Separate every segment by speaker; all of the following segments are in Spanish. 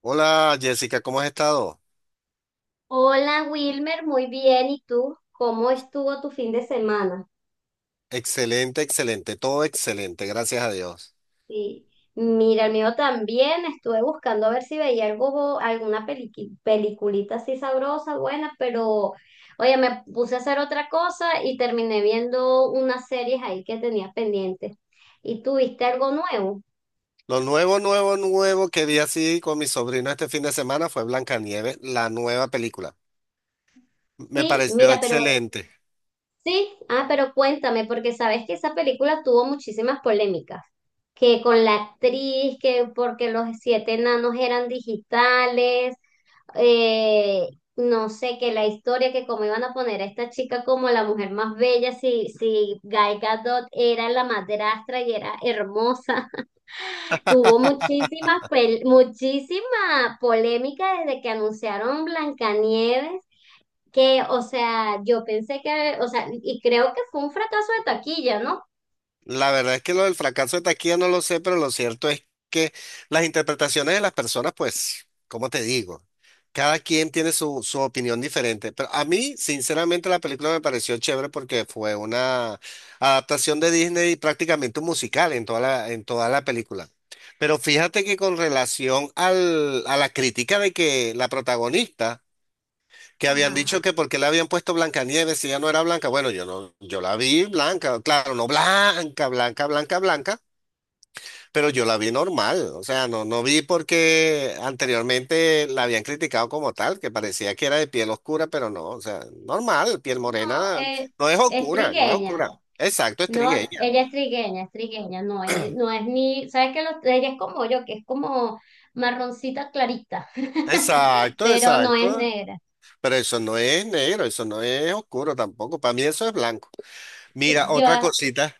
Speaker 1: Hola Jessica, ¿cómo has estado?
Speaker 2: Hola Wilmer, muy bien. ¿Y tú? ¿Cómo estuvo tu fin de semana?
Speaker 1: Excelente, excelente, todo excelente, gracias a Dios.
Speaker 2: Y mira, el mío también. Estuve buscando a ver si veía algo, alguna peliculita así sabrosa, buena, pero oye, me puse a hacer otra cosa y terminé viendo unas series ahí que tenía pendientes. ¿Y tú viste algo nuevo?
Speaker 1: Lo nuevo, nuevo, nuevo que vi así con mi sobrino este fin de semana fue Blancanieves, la nueva película. Me
Speaker 2: Sí,
Speaker 1: pareció
Speaker 2: mira, pero
Speaker 1: excelente.
Speaker 2: sí, ah, pero cuéntame, porque sabes que esa película tuvo muchísimas polémicas, que con la actriz, que porque los siete enanos eran digitales, eh, no sé, que la historia, que cómo iban a poner a esta chica como la mujer más bella, si Gal Gadot era la madrastra y era hermosa, tuvo muchísima polémica desde que anunciaron Blancanieves que, o sea, yo pensé que, o sea, y creo que fue un fracaso de taquilla, ¿no?
Speaker 1: La verdad es que lo del fracaso de taquilla no lo sé, pero lo cierto es que las interpretaciones de las personas, pues, ¿cómo te digo? Cada quien tiene su opinión diferente. Pero a mí, sinceramente, la película me pareció chévere porque fue una adaptación de Disney y prácticamente un musical en en toda la película. Pero fíjate que con relación a la crítica de que la protagonista que habían dicho
Speaker 2: Ajá.
Speaker 1: que porque le habían puesto Blancanieves si ya no era blanca. Bueno, yo no, yo la vi blanca, claro, no blanca, blanca, blanca, blanca, pero yo la vi normal. O sea, no, no vi porque anteriormente la habían criticado como tal, que parecía que era de piel oscura, pero no, o sea, normal, piel
Speaker 2: No,
Speaker 1: morena,
Speaker 2: eh,
Speaker 1: no es
Speaker 2: es
Speaker 1: oscura, no es
Speaker 2: trigueña.
Speaker 1: oscura. Exacto, es
Speaker 2: No,
Speaker 1: trigueña.
Speaker 2: ella es trigueña, es trigueña. No, no es ni, ¿sabes que los, ella es como yo, que es como marroncita clarita,
Speaker 1: Exacto,
Speaker 2: pero no es
Speaker 1: exacto.
Speaker 2: negra.
Speaker 1: Pero eso no es negro, eso no es oscuro tampoco. Para mí eso es blanco.
Speaker 2: Sí,
Speaker 1: Mira,
Speaker 2: yo,
Speaker 1: otra cosita.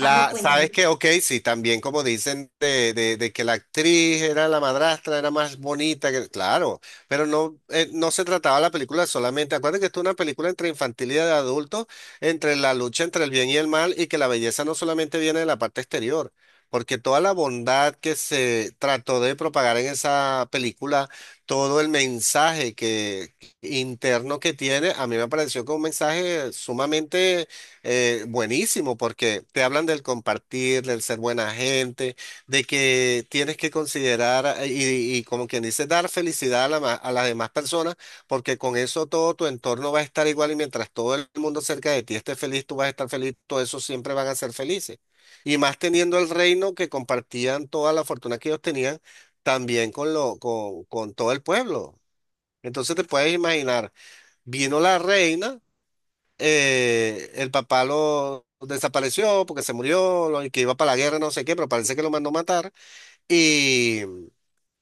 Speaker 2: ajá,
Speaker 1: sabes
Speaker 2: cuéntame.
Speaker 1: que, ok, sí, también como dicen de que la actriz era la madrastra, era más bonita, que, claro, pero no, no se trataba la película solamente, acuérdate que esto es una película entre infantil y de adultos, entre la lucha entre el bien y el mal, y que la belleza no solamente viene de la parte exterior, porque toda la bondad que se trató de propagar en esa película, todo el mensaje que interno que tiene, a mí me pareció que un mensaje sumamente buenísimo, porque te hablan del compartir, del ser buena gente, de que tienes que considerar y como quien dice, dar felicidad a, la ma- a las demás personas, porque con eso todo tu entorno va a estar igual y mientras todo el mundo cerca de ti esté feliz, tú vas a estar feliz, todos esos siempre van a ser felices. Y más teniendo el reino que compartían toda la fortuna que ellos tenían, también con todo el pueblo. Entonces te puedes imaginar, vino la reina el papá lo desapareció porque se murió, lo, y que iba para la guerra, no sé qué, pero parece que lo mandó matar. Y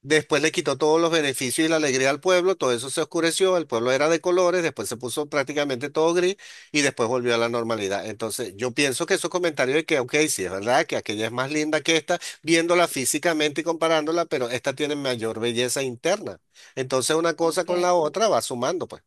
Speaker 1: después le quitó todos los beneficios y la alegría al pueblo, todo eso se oscureció, el pueblo era de colores, después se puso prácticamente todo gris y después volvió a la normalidad. Entonces, yo pienso que esos comentarios de que, ok, sí, es verdad que aquella es más linda que esta, viéndola físicamente y comparándola, pero esta tiene mayor belleza interna. Entonces, una cosa
Speaker 2: Ok.
Speaker 1: con la otra va sumando, pues.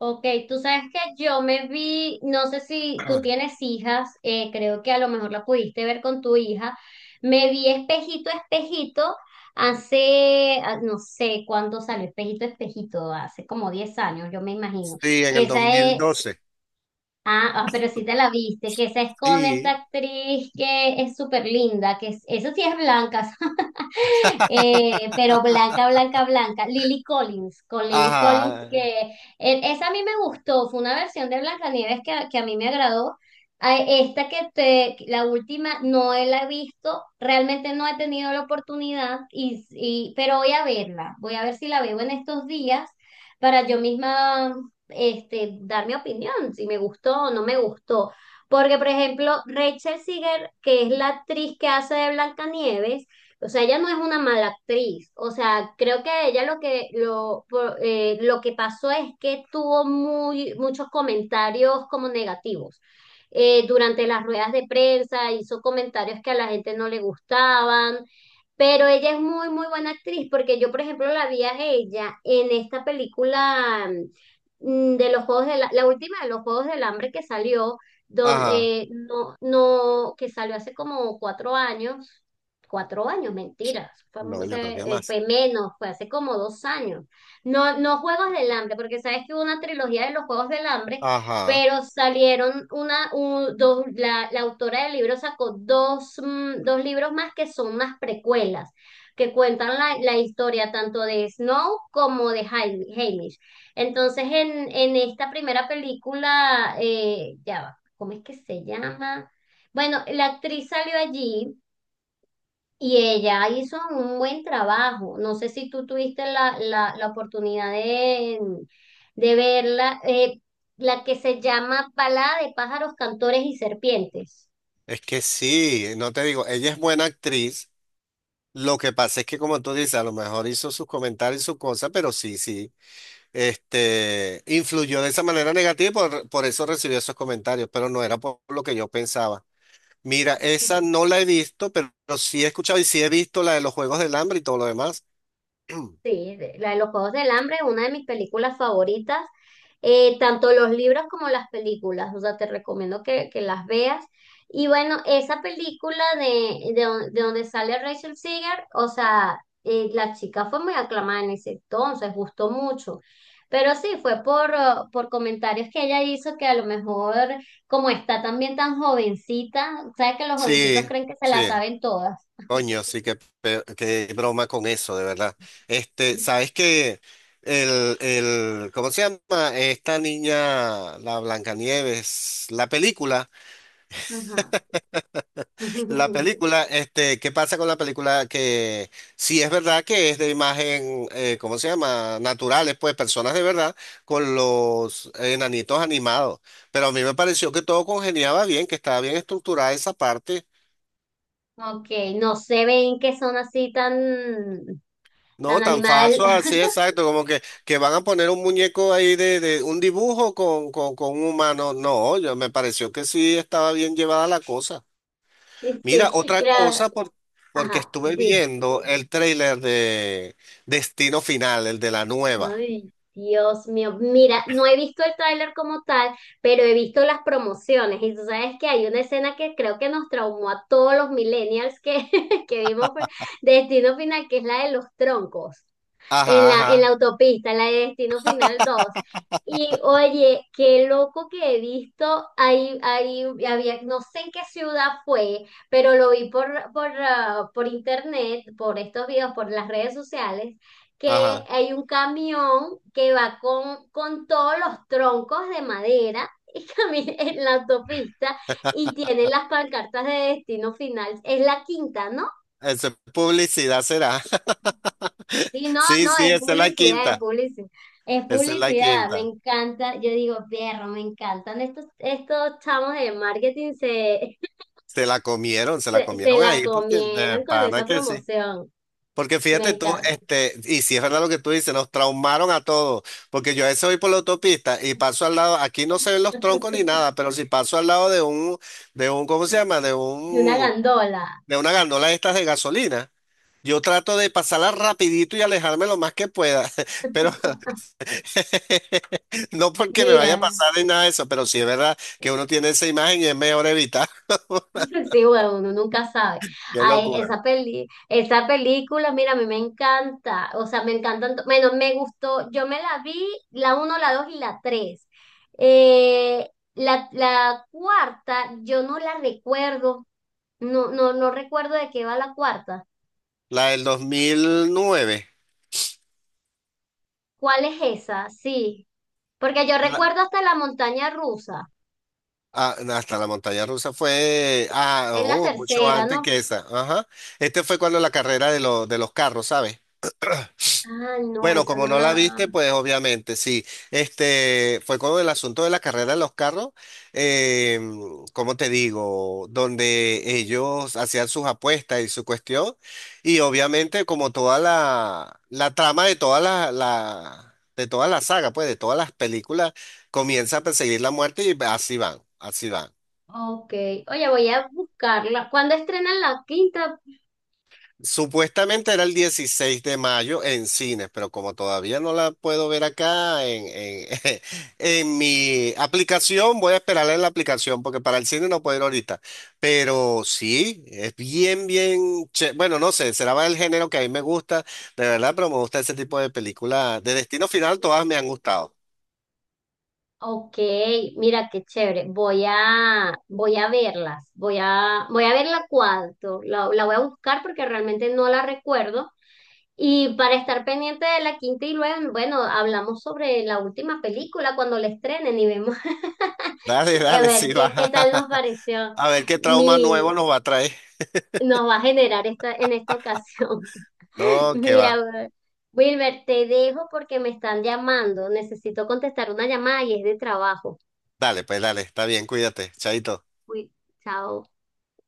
Speaker 2: Ok, tú sabes que yo me vi, no sé si tú tienes hijas, creo que a lo mejor la pudiste ver con tu hija, me vi espejito, espejito, hace, ah, no sé cuándo salió espejito, espejito, hace como 10 años, yo me imagino,
Speaker 1: Sí, en
Speaker 2: que
Speaker 1: el dos
Speaker 2: esa
Speaker 1: mil
Speaker 2: es,
Speaker 1: doce.
Speaker 2: pero sí te la viste, que esa es con esta
Speaker 1: Sí,
Speaker 2: actriz que es súper linda, eso sí es blanca, pero blanca, blanca, blanca. Lily Collins, con Lily Collins,
Speaker 1: ajá,
Speaker 2: que esa a mí me gustó, fue una versión de Blancanieves que a mí me agradó. A esta que te, la última, no la he visto, realmente no he tenido la oportunidad, pero voy a verla, voy a ver si la veo en estos días para yo misma este, dar mi opinión, si me gustó o no me gustó. Porque, por ejemplo, Rachel Ziegler, que es la actriz que hace de Blancanieves, o sea, ella no es una mala actriz. O sea, creo que ella lo que pasó es que tuvo muy, muchos comentarios como negativos. Durante las ruedas de prensa hizo comentarios que a la gente no le gustaban, pero ella es muy, muy buena actriz porque yo, por ejemplo, la vi a ella en esta película de los Juegos de la, la última de los Juegos del Hambre que salió, donde,
Speaker 1: ajá.
Speaker 2: no, que salió hace como 4 años 4 años, mentiras,
Speaker 1: No, yo creo que más.
Speaker 2: fue menos, fue hace como 2 años. No, no Juegos del Hambre, porque sabes que hubo una trilogía de los Juegos del Hambre,
Speaker 1: Ajá.
Speaker 2: pero salieron dos, la autora del libro sacó dos, dos libros más que son unas precuelas, que cuentan la, la historia tanto de Snow como de Haymitch. Entonces, en esta primera película, ya va, ¿cómo es que se llama? Bueno, la actriz salió allí y ella hizo un buen trabajo. No sé si tú tuviste la, la, la oportunidad de verla, la que se llama Balada de pájaros, cantores y serpientes.
Speaker 1: Es que sí, no te digo, ella es buena actriz. Lo que pasa es que, como tú dices, a lo mejor hizo sus comentarios y su cosa, pero sí, sí. Este, influyó de esa manera negativa y por eso recibió esos comentarios, pero no era por lo que yo pensaba. Mira, esa
Speaker 2: Sí,
Speaker 1: no la he visto, pero sí he escuchado y sí he visto la de los Juegos del Hambre y todo lo demás.
Speaker 2: sí, la de los Juegos del Hambre es una de mis películas favoritas, tanto los libros como las películas, o sea, te recomiendo que las veas. Y bueno, esa película de, de donde sale Rachel Seeger, o sea, la chica fue muy aclamada en ese entonces, gustó mucho. Pero sí, fue por comentarios que ella hizo que a lo mejor, como está también tan jovencita, sabes que los jovencitos
Speaker 1: Sí,
Speaker 2: creen que se
Speaker 1: sí.
Speaker 2: la saben todas.
Speaker 1: Coño, sí, qué, pe- qué broma con eso, de verdad. Este, ¿sabes que ¿cómo se llama? Esta niña, la Blancanieves,
Speaker 2: Ajá.
Speaker 1: la película, este, ¿qué pasa con la película? Que sí es verdad que es de imagen, ¿cómo se llama? Naturales, pues, personas de verdad, con los enanitos animados. Pero a mí me pareció que todo congeniaba bien, que estaba bien estructurada esa parte.
Speaker 2: Ok, no se ven que son así tan, tan
Speaker 1: No, tan
Speaker 2: animal.
Speaker 1: falso, así exacto, como que van a poner un muñeco ahí de un dibujo con un humano. No, yo me pareció que sí estaba bien llevada la cosa. Mira,
Speaker 2: Sí,
Speaker 1: otra
Speaker 2: creo.
Speaker 1: cosa, por- porque
Speaker 2: Ajá.
Speaker 1: estuve viendo el tráiler de Destino Final, el de la nueva.
Speaker 2: Ay, Dios mío. Mira, no he visto el tráiler como tal, pero he visto las promociones. Y tú sabes que hay una escena que creo que nos traumó a todos los millennials que, que vimos fue Destino Final, que es la de los troncos. En
Speaker 1: Ajá,
Speaker 2: la, en la
Speaker 1: ajá,
Speaker 2: autopista, en la de Destino Final dos. Y oye, qué loco que he visto, ahí, ahí había, no sé en qué ciudad fue, pero lo vi por, por internet, por estos videos, por las redes sociales, que
Speaker 1: ajá.
Speaker 2: hay un camión que va con todos los troncos de madera y camina en la autopista y tiene las pancartas de destino final. Es la quinta, ¿no?
Speaker 1: Esa publicidad será.
Speaker 2: Sí, no,
Speaker 1: Sí,
Speaker 2: no,
Speaker 1: sí,
Speaker 2: es
Speaker 1: esa es la
Speaker 2: publicidad, es
Speaker 1: quinta.
Speaker 2: publicidad, es
Speaker 1: Esa es la
Speaker 2: publicidad, me
Speaker 1: quinta.
Speaker 2: encanta, yo digo, perro, me encantan estos, estos chamos de marketing, se,
Speaker 1: Se la
Speaker 2: se
Speaker 1: comieron
Speaker 2: la
Speaker 1: ahí, porque de
Speaker 2: comieron con
Speaker 1: pana
Speaker 2: esa
Speaker 1: que sí.
Speaker 2: promoción,
Speaker 1: Porque
Speaker 2: me
Speaker 1: fíjate tú,
Speaker 2: encanta,
Speaker 1: este, y si es verdad lo que tú dices, nos traumaron a todos, porque yo a veces voy por la autopista y paso al lado, aquí no se ven los troncos ni nada, pero si paso al lado ¿cómo se llama? De
Speaker 2: de una
Speaker 1: un,
Speaker 2: gandola,
Speaker 1: de una gandola de estas de gasolina, yo trato de pasarla rapidito y alejarme lo más que pueda, pero no porque me vaya a
Speaker 2: mira.
Speaker 1: pasar ni nada de eso, pero sí es verdad que uno tiene esa imagen y es mejor evitar.
Speaker 2: Sí, bueno, uno nunca sabe.
Speaker 1: Qué
Speaker 2: Ay,
Speaker 1: locura.
Speaker 2: esa peli, esa película, mira, a mí me encanta. O sea, me encantan. Bueno, me gustó. Yo me la vi, la uno, la dos y la tres. La, la cuarta, yo no la recuerdo. No, no, no recuerdo de qué va la cuarta.
Speaker 1: La del 2009.
Speaker 2: ¿Cuál es esa? Sí. Porque yo recuerdo hasta la montaña rusa.
Speaker 1: Ah, hasta la montaña rusa fue, ah,
Speaker 2: Es la
Speaker 1: oh, mucho
Speaker 2: tercera,
Speaker 1: antes
Speaker 2: ¿no?
Speaker 1: que esa. Ajá. Este fue cuando la carrera de, lo- de los carros, ¿sabes?
Speaker 2: Ah, no,
Speaker 1: Bueno,
Speaker 2: esa
Speaker 1: como
Speaker 2: no
Speaker 1: no la
Speaker 2: la.
Speaker 1: viste, pues obviamente, sí. Este fue con el asunto de la carrera de los carros, eh, ¿cómo te digo? Donde ellos hacían sus apuestas y su cuestión. Y obviamente, como toda la trama de toda de toda la saga, pues, de todas las películas, comienza a perseguir la muerte y así van, así van.
Speaker 2: Ok. Oye, voy a buscarla. ¿Cuándo estrenan la quinta?
Speaker 1: Supuestamente era el 16 de mayo en cines, pero como todavía no la puedo ver acá en mi aplicación, voy a esperarla en la aplicación porque para el cine no puedo ir ahorita. Pero sí, es bien, bien, che- bueno, no sé, será el género que a mí me gusta, de verdad, pero me gusta ese tipo de películas. De Destino Final todas me han gustado.
Speaker 2: Ok, mira qué chévere. Voy a, voy a verlas. Voy a, voy a verla la. La voy a buscar porque realmente no la recuerdo. Y para estar pendiente de la quinta y luego, bueno, hablamos sobre la última película cuando la estrenen y vemos
Speaker 1: Dale,
Speaker 2: a
Speaker 1: dale,
Speaker 2: ver
Speaker 1: sí, va.
Speaker 2: qué, qué tal nos pareció.
Speaker 1: A ver qué trauma nuevo
Speaker 2: Mi,
Speaker 1: nos va a traer.
Speaker 2: nos va a generar esta, en esta ocasión.
Speaker 1: No, que va.
Speaker 2: Mira, Wilmer, te dejo porque me están llamando. Necesito contestar una llamada y es de trabajo.
Speaker 1: Dale, pues dale, está bien, cuídate, chaito.
Speaker 2: Uy, chao.